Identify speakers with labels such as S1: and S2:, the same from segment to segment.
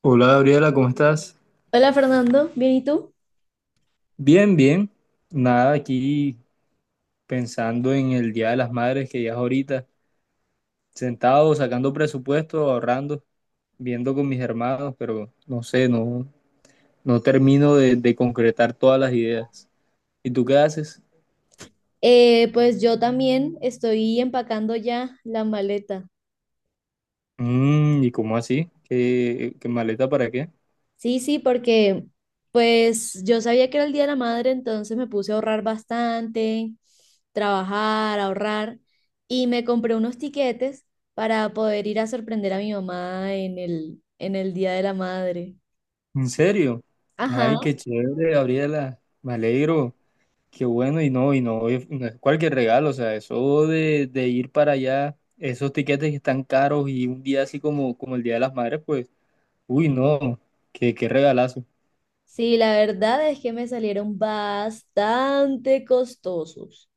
S1: Hola Gabriela, ¿cómo estás?
S2: Hola Fernando, ¿bien y tú?
S1: Bien, bien. Nada, aquí pensando en el Día de las Madres que ya es ahorita, sentado, sacando presupuesto, ahorrando, viendo con mis hermanos, pero no sé, no, no termino de concretar todas las ideas. ¿Y tú qué haces?
S2: Pues yo también estoy empacando ya la maleta.
S1: Mm, ¿y cómo así? ¿Qué, qué maleta para qué?
S2: Sí, sí, porque pues yo sabía que era el Día de la Madre, entonces me puse a ahorrar bastante, trabajar, ahorrar y me compré unos tiquetes para poder ir a sorprender a mi mamá en el Día de la Madre.
S1: ¿En serio?
S2: Ajá.
S1: Ay, qué chévere, Gabriela. Me alegro. Qué bueno, y no, no es cualquier regalo, o sea, eso de ir para allá, esos tiquetes que están caros y un día así como, como el Día de las Madres, pues, uy, no, qué, qué regalazo,
S2: Sí, la verdad es que me salieron bastante costosos.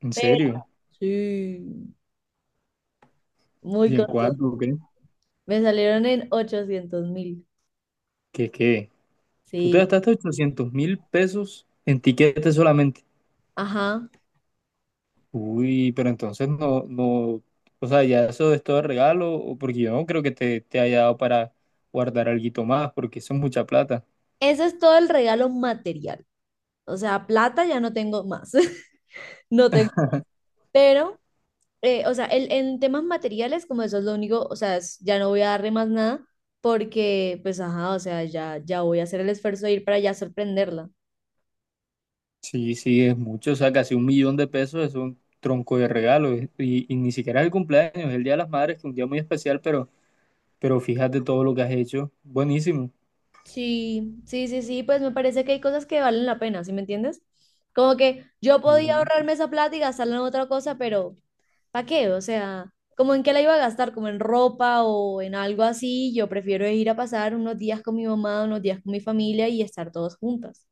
S1: en
S2: Pero
S1: serio.
S2: sí, muy
S1: ¿Y en
S2: costosos.
S1: cuánto? ¿Qué?
S2: Me salieron en 800.000.
S1: ¿Qué, qué? Tú te
S2: Sí,
S1: gastaste 800.000 pesos en tiquetes solamente.
S2: ajá.
S1: Uy, pero entonces no, no, o sea, ya eso es todo regalo, o porque yo no creo que te haya dado para guardar alguito más, porque eso es mucha plata.
S2: Ese es todo el regalo material. O sea, plata ya no tengo más. No tengo. Pero, o sea, en temas materiales, como eso es lo único, o sea, ya no voy a darle más nada porque, pues, ajá, o sea, ya voy a hacer el esfuerzo de ir para allá sorprenderla.
S1: Sí, sí, es mucho, o sea, casi 1.000.000 de pesos es un tronco de y ni siquiera es el cumpleaños, es el Día de las Madres, que es un día muy especial, pero fíjate todo lo que has hecho, buenísimo.
S2: Sí, sí, sí, sí, pues me parece que hay cosas que valen la pena, ¿sí me entiendes? Como que yo podía
S1: ¿No?
S2: ahorrarme esa plata y gastarla en otra cosa, pero ¿para qué? O sea, como en qué la iba a gastar, como en ropa o en algo así, yo prefiero ir a pasar unos días con mi mamá, unos días con mi familia y estar todos juntas.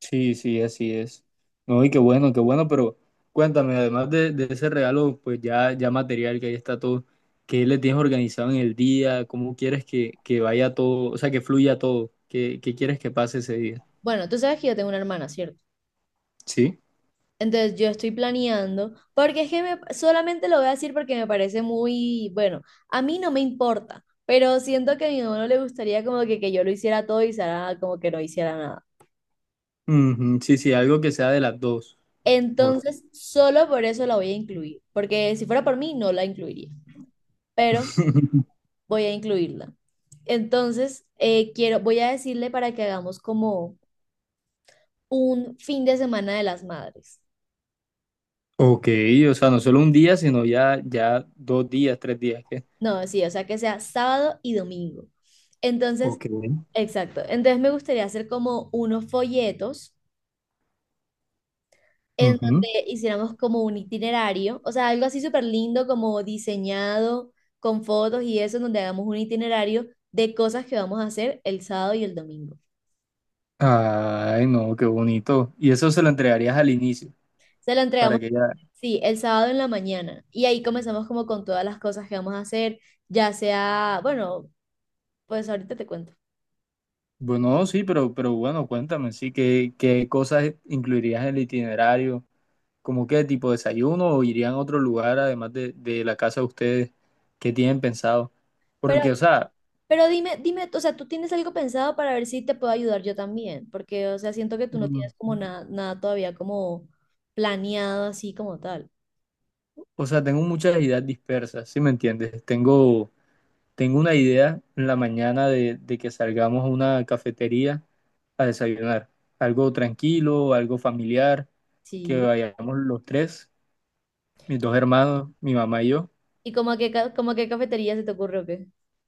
S1: Sí, sí, así es. No, y qué bueno, pero cuéntame, además de ese regalo, pues ya, ya material que ahí está todo, ¿qué le tienes organizado en el día? ¿Cómo quieres que vaya todo, o sea, que fluya todo? ¿Qué, qué quieres que pase ese día?
S2: Bueno, tú sabes que yo tengo una hermana, ¿cierto?
S1: Sí.
S2: Entonces yo estoy planeando, porque es que solamente lo voy a decir porque me parece bueno, a mí no me importa, pero siento que a mi mamá no le gustaría como que yo lo hiciera todo y Sara como que no hiciera nada.
S1: Ujú, sí, sí, algo que sea de las dos. Mejor.
S2: Entonces, solo por eso la voy a incluir, porque si fuera por mí, no la incluiría. Pero voy a incluirla. Entonces, voy a decirle para que hagamos como un fin de semana de las madres.
S1: Ok, o sea, no solo un día, sino ya, ya dos días, tres días, ¿qué?
S2: No, sí, o sea, que sea sábado y domingo. Entonces,
S1: Ok.
S2: exacto. Entonces me gustaría hacer como unos folletos en
S1: Ujú.
S2: donde hiciéramos como un itinerario, o sea, algo así súper lindo, como diseñado con fotos y eso, en donde hagamos un itinerario de cosas que vamos a hacer el sábado y el domingo.
S1: Ay, no, qué bonito. Y eso se lo entregarías al inicio,
S2: Se lo
S1: para
S2: entregamos,
S1: que ya...
S2: sí, el sábado en la mañana. Y ahí comenzamos como con todas las cosas que vamos a hacer, ya sea, bueno, pues ahorita te cuento.
S1: Bueno, sí, pero bueno, cuéntame, sí, ¿qué, qué cosas incluirías en el itinerario? ¿Cómo qué tipo de desayuno o irían a otro lugar además de la casa de ustedes? ¿Qué tienen pensado?
S2: Pero,
S1: Porque, o sea,
S2: pero dime, dime, o sea, ¿tú tienes algo pensado para ver si te puedo ayudar yo también? Porque, o sea, siento que tú no
S1: mm,
S2: tienes como nada, nada todavía como planeado así como tal.
S1: o sea, tengo muchas ideas dispersas, ¿sí me entiendes? Tengo... Tengo una idea en la mañana de que salgamos a una cafetería a desayunar. Algo tranquilo, algo familiar, que
S2: Sí.
S1: vayamos los tres, mis dos hermanos, mi mamá y yo.
S2: ¿Y como a qué cafetería se te ocurre o qué?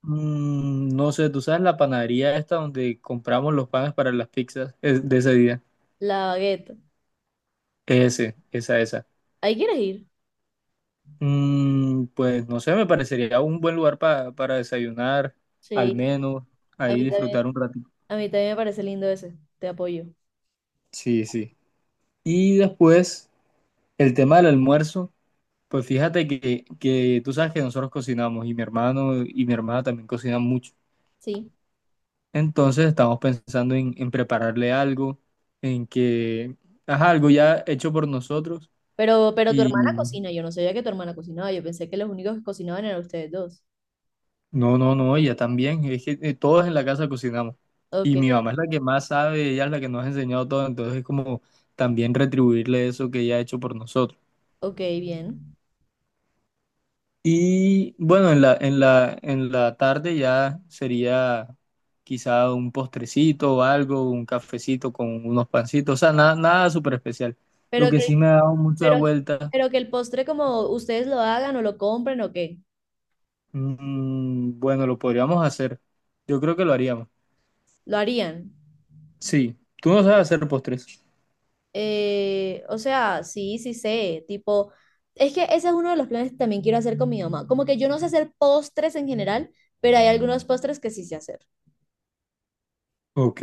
S1: Mm, no sé, tú sabes la panadería esta donde compramos los panes para las pizzas es de ese día.
S2: La Baguette.
S1: Ese, esa, esa.
S2: ¿Ahí quieres ir?
S1: Mm, pues no sé, me parecería un buen lugar para desayunar, al
S2: Sí.
S1: menos,
S2: A
S1: ahí
S2: mí también,
S1: disfrutar un ratito.
S2: a mí también me parece lindo ese. Te apoyo.
S1: Sí, sí. Y después, el tema del almuerzo. Pues fíjate que tú sabes que nosotros cocinamos y mi hermano y mi hermana también cocinan mucho.
S2: Sí.
S1: Entonces estamos pensando en prepararle algo, en que haga algo ya hecho por nosotros.
S2: Pero tu
S1: Y
S2: hermana cocina, yo no sabía que tu hermana cocinaba, yo pensé que los únicos que cocinaban eran ustedes dos.
S1: no, no, no, ella también. Es que todos en la casa cocinamos.
S2: Ok,
S1: Y mi mamá es la que más sabe, ella es la que nos ha enseñado todo. Entonces es como también retribuirle eso que ella ha hecho por nosotros.
S2: ok, bien.
S1: Y bueno, en la tarde ya sería quizá un postrecito o algo, un cafecito con unos pancitos, o sea, nada, nada súper especial. Lo
S2: Pero
S1: que
S2: que,
S1: sí me ha dado mucha
S2: pero,
S1: vuelta,
S2: pero que el postre como ustedes lo hagan o lo compren o qué,
S1: mm, bueno, lo podríamos hacer. Yo creo que lo haríamos.
S2: lo harían.
S1: Sí, tú no sabes hacer postres.
S2: O sea, sí, sí sé, tipo, es que ese es uno de los planes que también quiero hacer con mi mamá. Como que yo no sé hacer postres en general, pero hay algunos postres que sí sé hacer.
S1: Ok,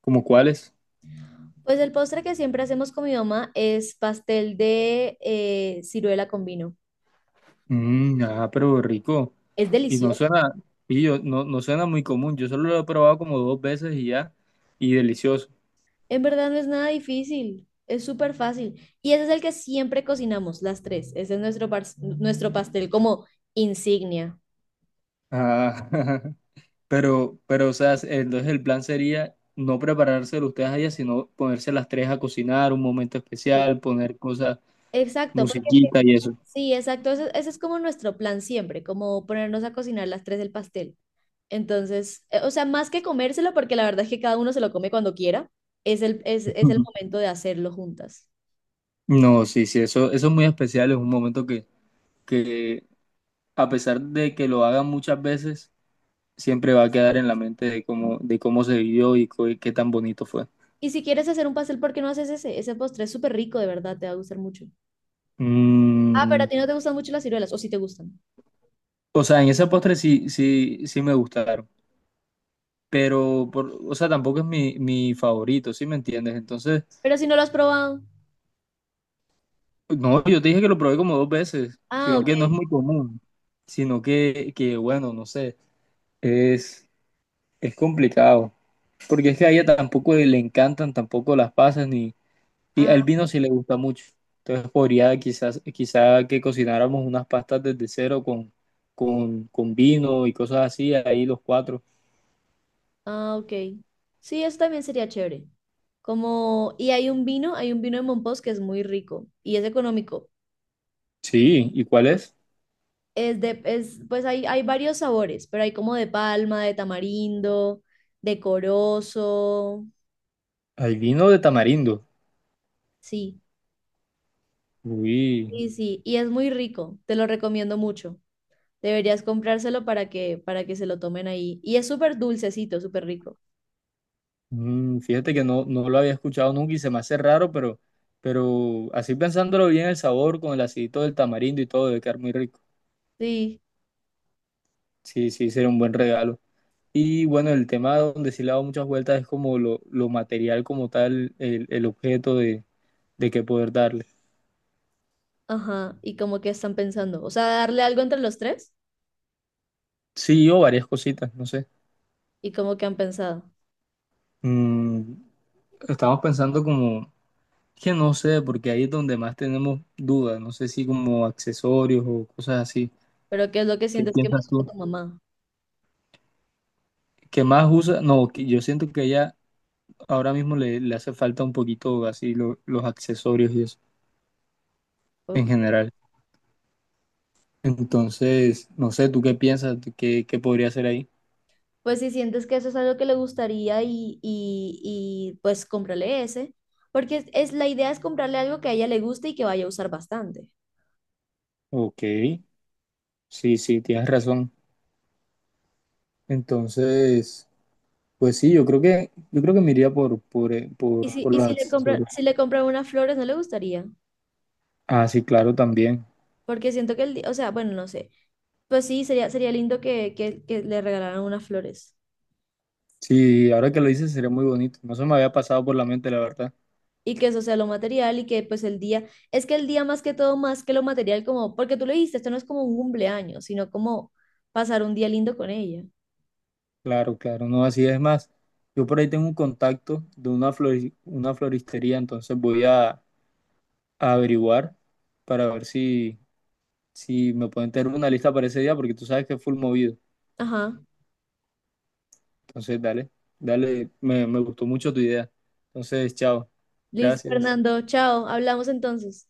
S1: ¿como cuáles?
S2: Pues el postre que siempre hacemos con mi mamá es pastel de ciruela con vino.
S1: Mm, ah, pero rico.
S2: Es
S1: Y no
S2: delicioso.
S1: suena, y yo, no, no suena muy común. Yo solo lo he probado como dos veces y ya, y delicioso.
S2: En verdad no es nada difícil, es súper fácil. Y ese es el que siempre cocinamos, las tres. Ese es nuestro pastel como insignia.
S1: Ah. Pero, o sea, entonces el plan sería no preparárselo ustedes allá, sino ponerse las tres a cocinar, un momento
S2: Sí,
S1: especial, poner cosas,
S2: exacto, porque
S1: musiquita y eso.
S2: sí, exacto, ese es como nuestro plan siempre, como ponernos a cocinar las tres el pastel. Entonces, o sea, más que comérselo, porque la verdad es que cada uno se lo come cuando quiera, es el
S1: Ujú.
S2: momento de hacerlo juntas.
S1: No, sí, sí, eso es muy especial, es un momento que a pesar de que lo hagan muchas veces, siempre va a quedar en la mente de cómo se vivió y y qué tan bonito fue.
S2: Y si quieres hacer un pastel, ¿por qué no haces ese? Ese postre es súper rico, de verdad, te va a gustar mucho. Ah, pero a
S1: Mm,
S2: ti no te gustan mucho las ciruelas, o si te gustan.
S1: o sea, en ese postre sí, sí, sí me gustaron, pero, por, o sea, tampoco es mi, mi favorito, ¿sí me entiendes? Entonces...
S2: Pero si no lo has probado.
S1: No, yo te dije que lo probé como dos veces,
S2: Ah,
S1: sino que no es
S2: ok.
S1: muy común, sino que bueno, no sé, es, es complicado, porque es que a ella tampoco le encantan tampoco las pasas, ni, y al
S2: Ah,
S1: vino sí le gusta mucho, entonces podría quizás, quizá que cocináramos unas pastas desde cero con, con vino y cosas así, ahí los cuatro.
S2: ah, ok. Sí, eso también sería chévere. Como, y hay un vino de Mompox que es muy rico y es económico.
S1: Sí, ¿y cuál es?
S2: Es de, es, pues hay varios sabores, pero hay como de palma, de tamarindo, de corozo.
S1: Hay vino de tamarindo.
S2: Sí,
S1: Uy.
S2: sí, sí. Y es muy rico. Te lo recomiendo mucho. Deberías comprárselo para que se lo tomen ahí. Y es súper dulcecito, súper rico.
S1: Mm, fíjate que no, no lo había escuchado nunca y se me hace raro, pero así pensándolo bien, el sabor con el acidito del tamarindo y todo debe quedar muy rico.
S2: Sí,
S1: Sí, sí, sería un buen regalo. Y bueno, el tema donde sí le he dado muchas vueltas es como lo material como tal, el objeto de que poder darle.
S2: ajá. ¿Y como que están pensando? O sea, darle algo entre los tres
S1: Sí, o varias cositas, no sé.
S2: y como que han pensado.
S1: Mm, estamos pensando como, que no sé, porque ahí es donde más tenemos dudas, no sé si como accesorios o cosas así.
S2: Pero ¿qué es lo que
S1: ¿Qué
S2: sientes que
S1: piensas
S2: más
S1: tú?
S2: usa tu mamá?
S1: ¿Qué más usa? No, que yo siento que ella ahora mismo le, le hace falta un poquito así los accesorios y eso en
S2: Ok.
S1: general. Entonces, no sé, ¿tú qué piensas? ¿Tú ¿qué, qué podría hacer ahí?
S2: Pues si sientes que eso es algo que le gustaría y, pues cómprale ese, porque la idea es comprarle algo que a ella le guste y que vaya a usar bastante.
S1: Ok, sí, sí, tienes razón. Entonces, pues sí, yo creo que me iría
S2: Y si,
S1: por
S2: y
S1: los
S2: si le compra,
S1: accesorios.
S2: si le compran unas flores, no le gustaría,
S1: Ah, sí, claro, también.
S2: porque siento que o sea, bueno, no sé, pues sí, sería, sería lindo que, que le regalaran unas flores
S1: Sí, ahora que lo dices sería muy bonito. No se me había pasado por la mente, la verdad.
S2: y que eso sea lo material y que pues el día, es que el día más que todo, más que lo material, como, porque tú le dijiste, esto no es como un cumpleaños, sino como pasar un día lindo con ella.
S1: Claro, claro, no, así es más. Yo por ahí tengo un contacto de una una floristería, entonces voy a averiguar para ver si, si me pueden tener una lista para ese día, porque tú sabes que es full movido.
S2: Ajá.
S1: Entonces, dale, dale, me gustó mucho tu idea. Entonces, chao,
S2: Listo,
S1: gracias.
S2: Fernando. Chao. Hablamos entonces.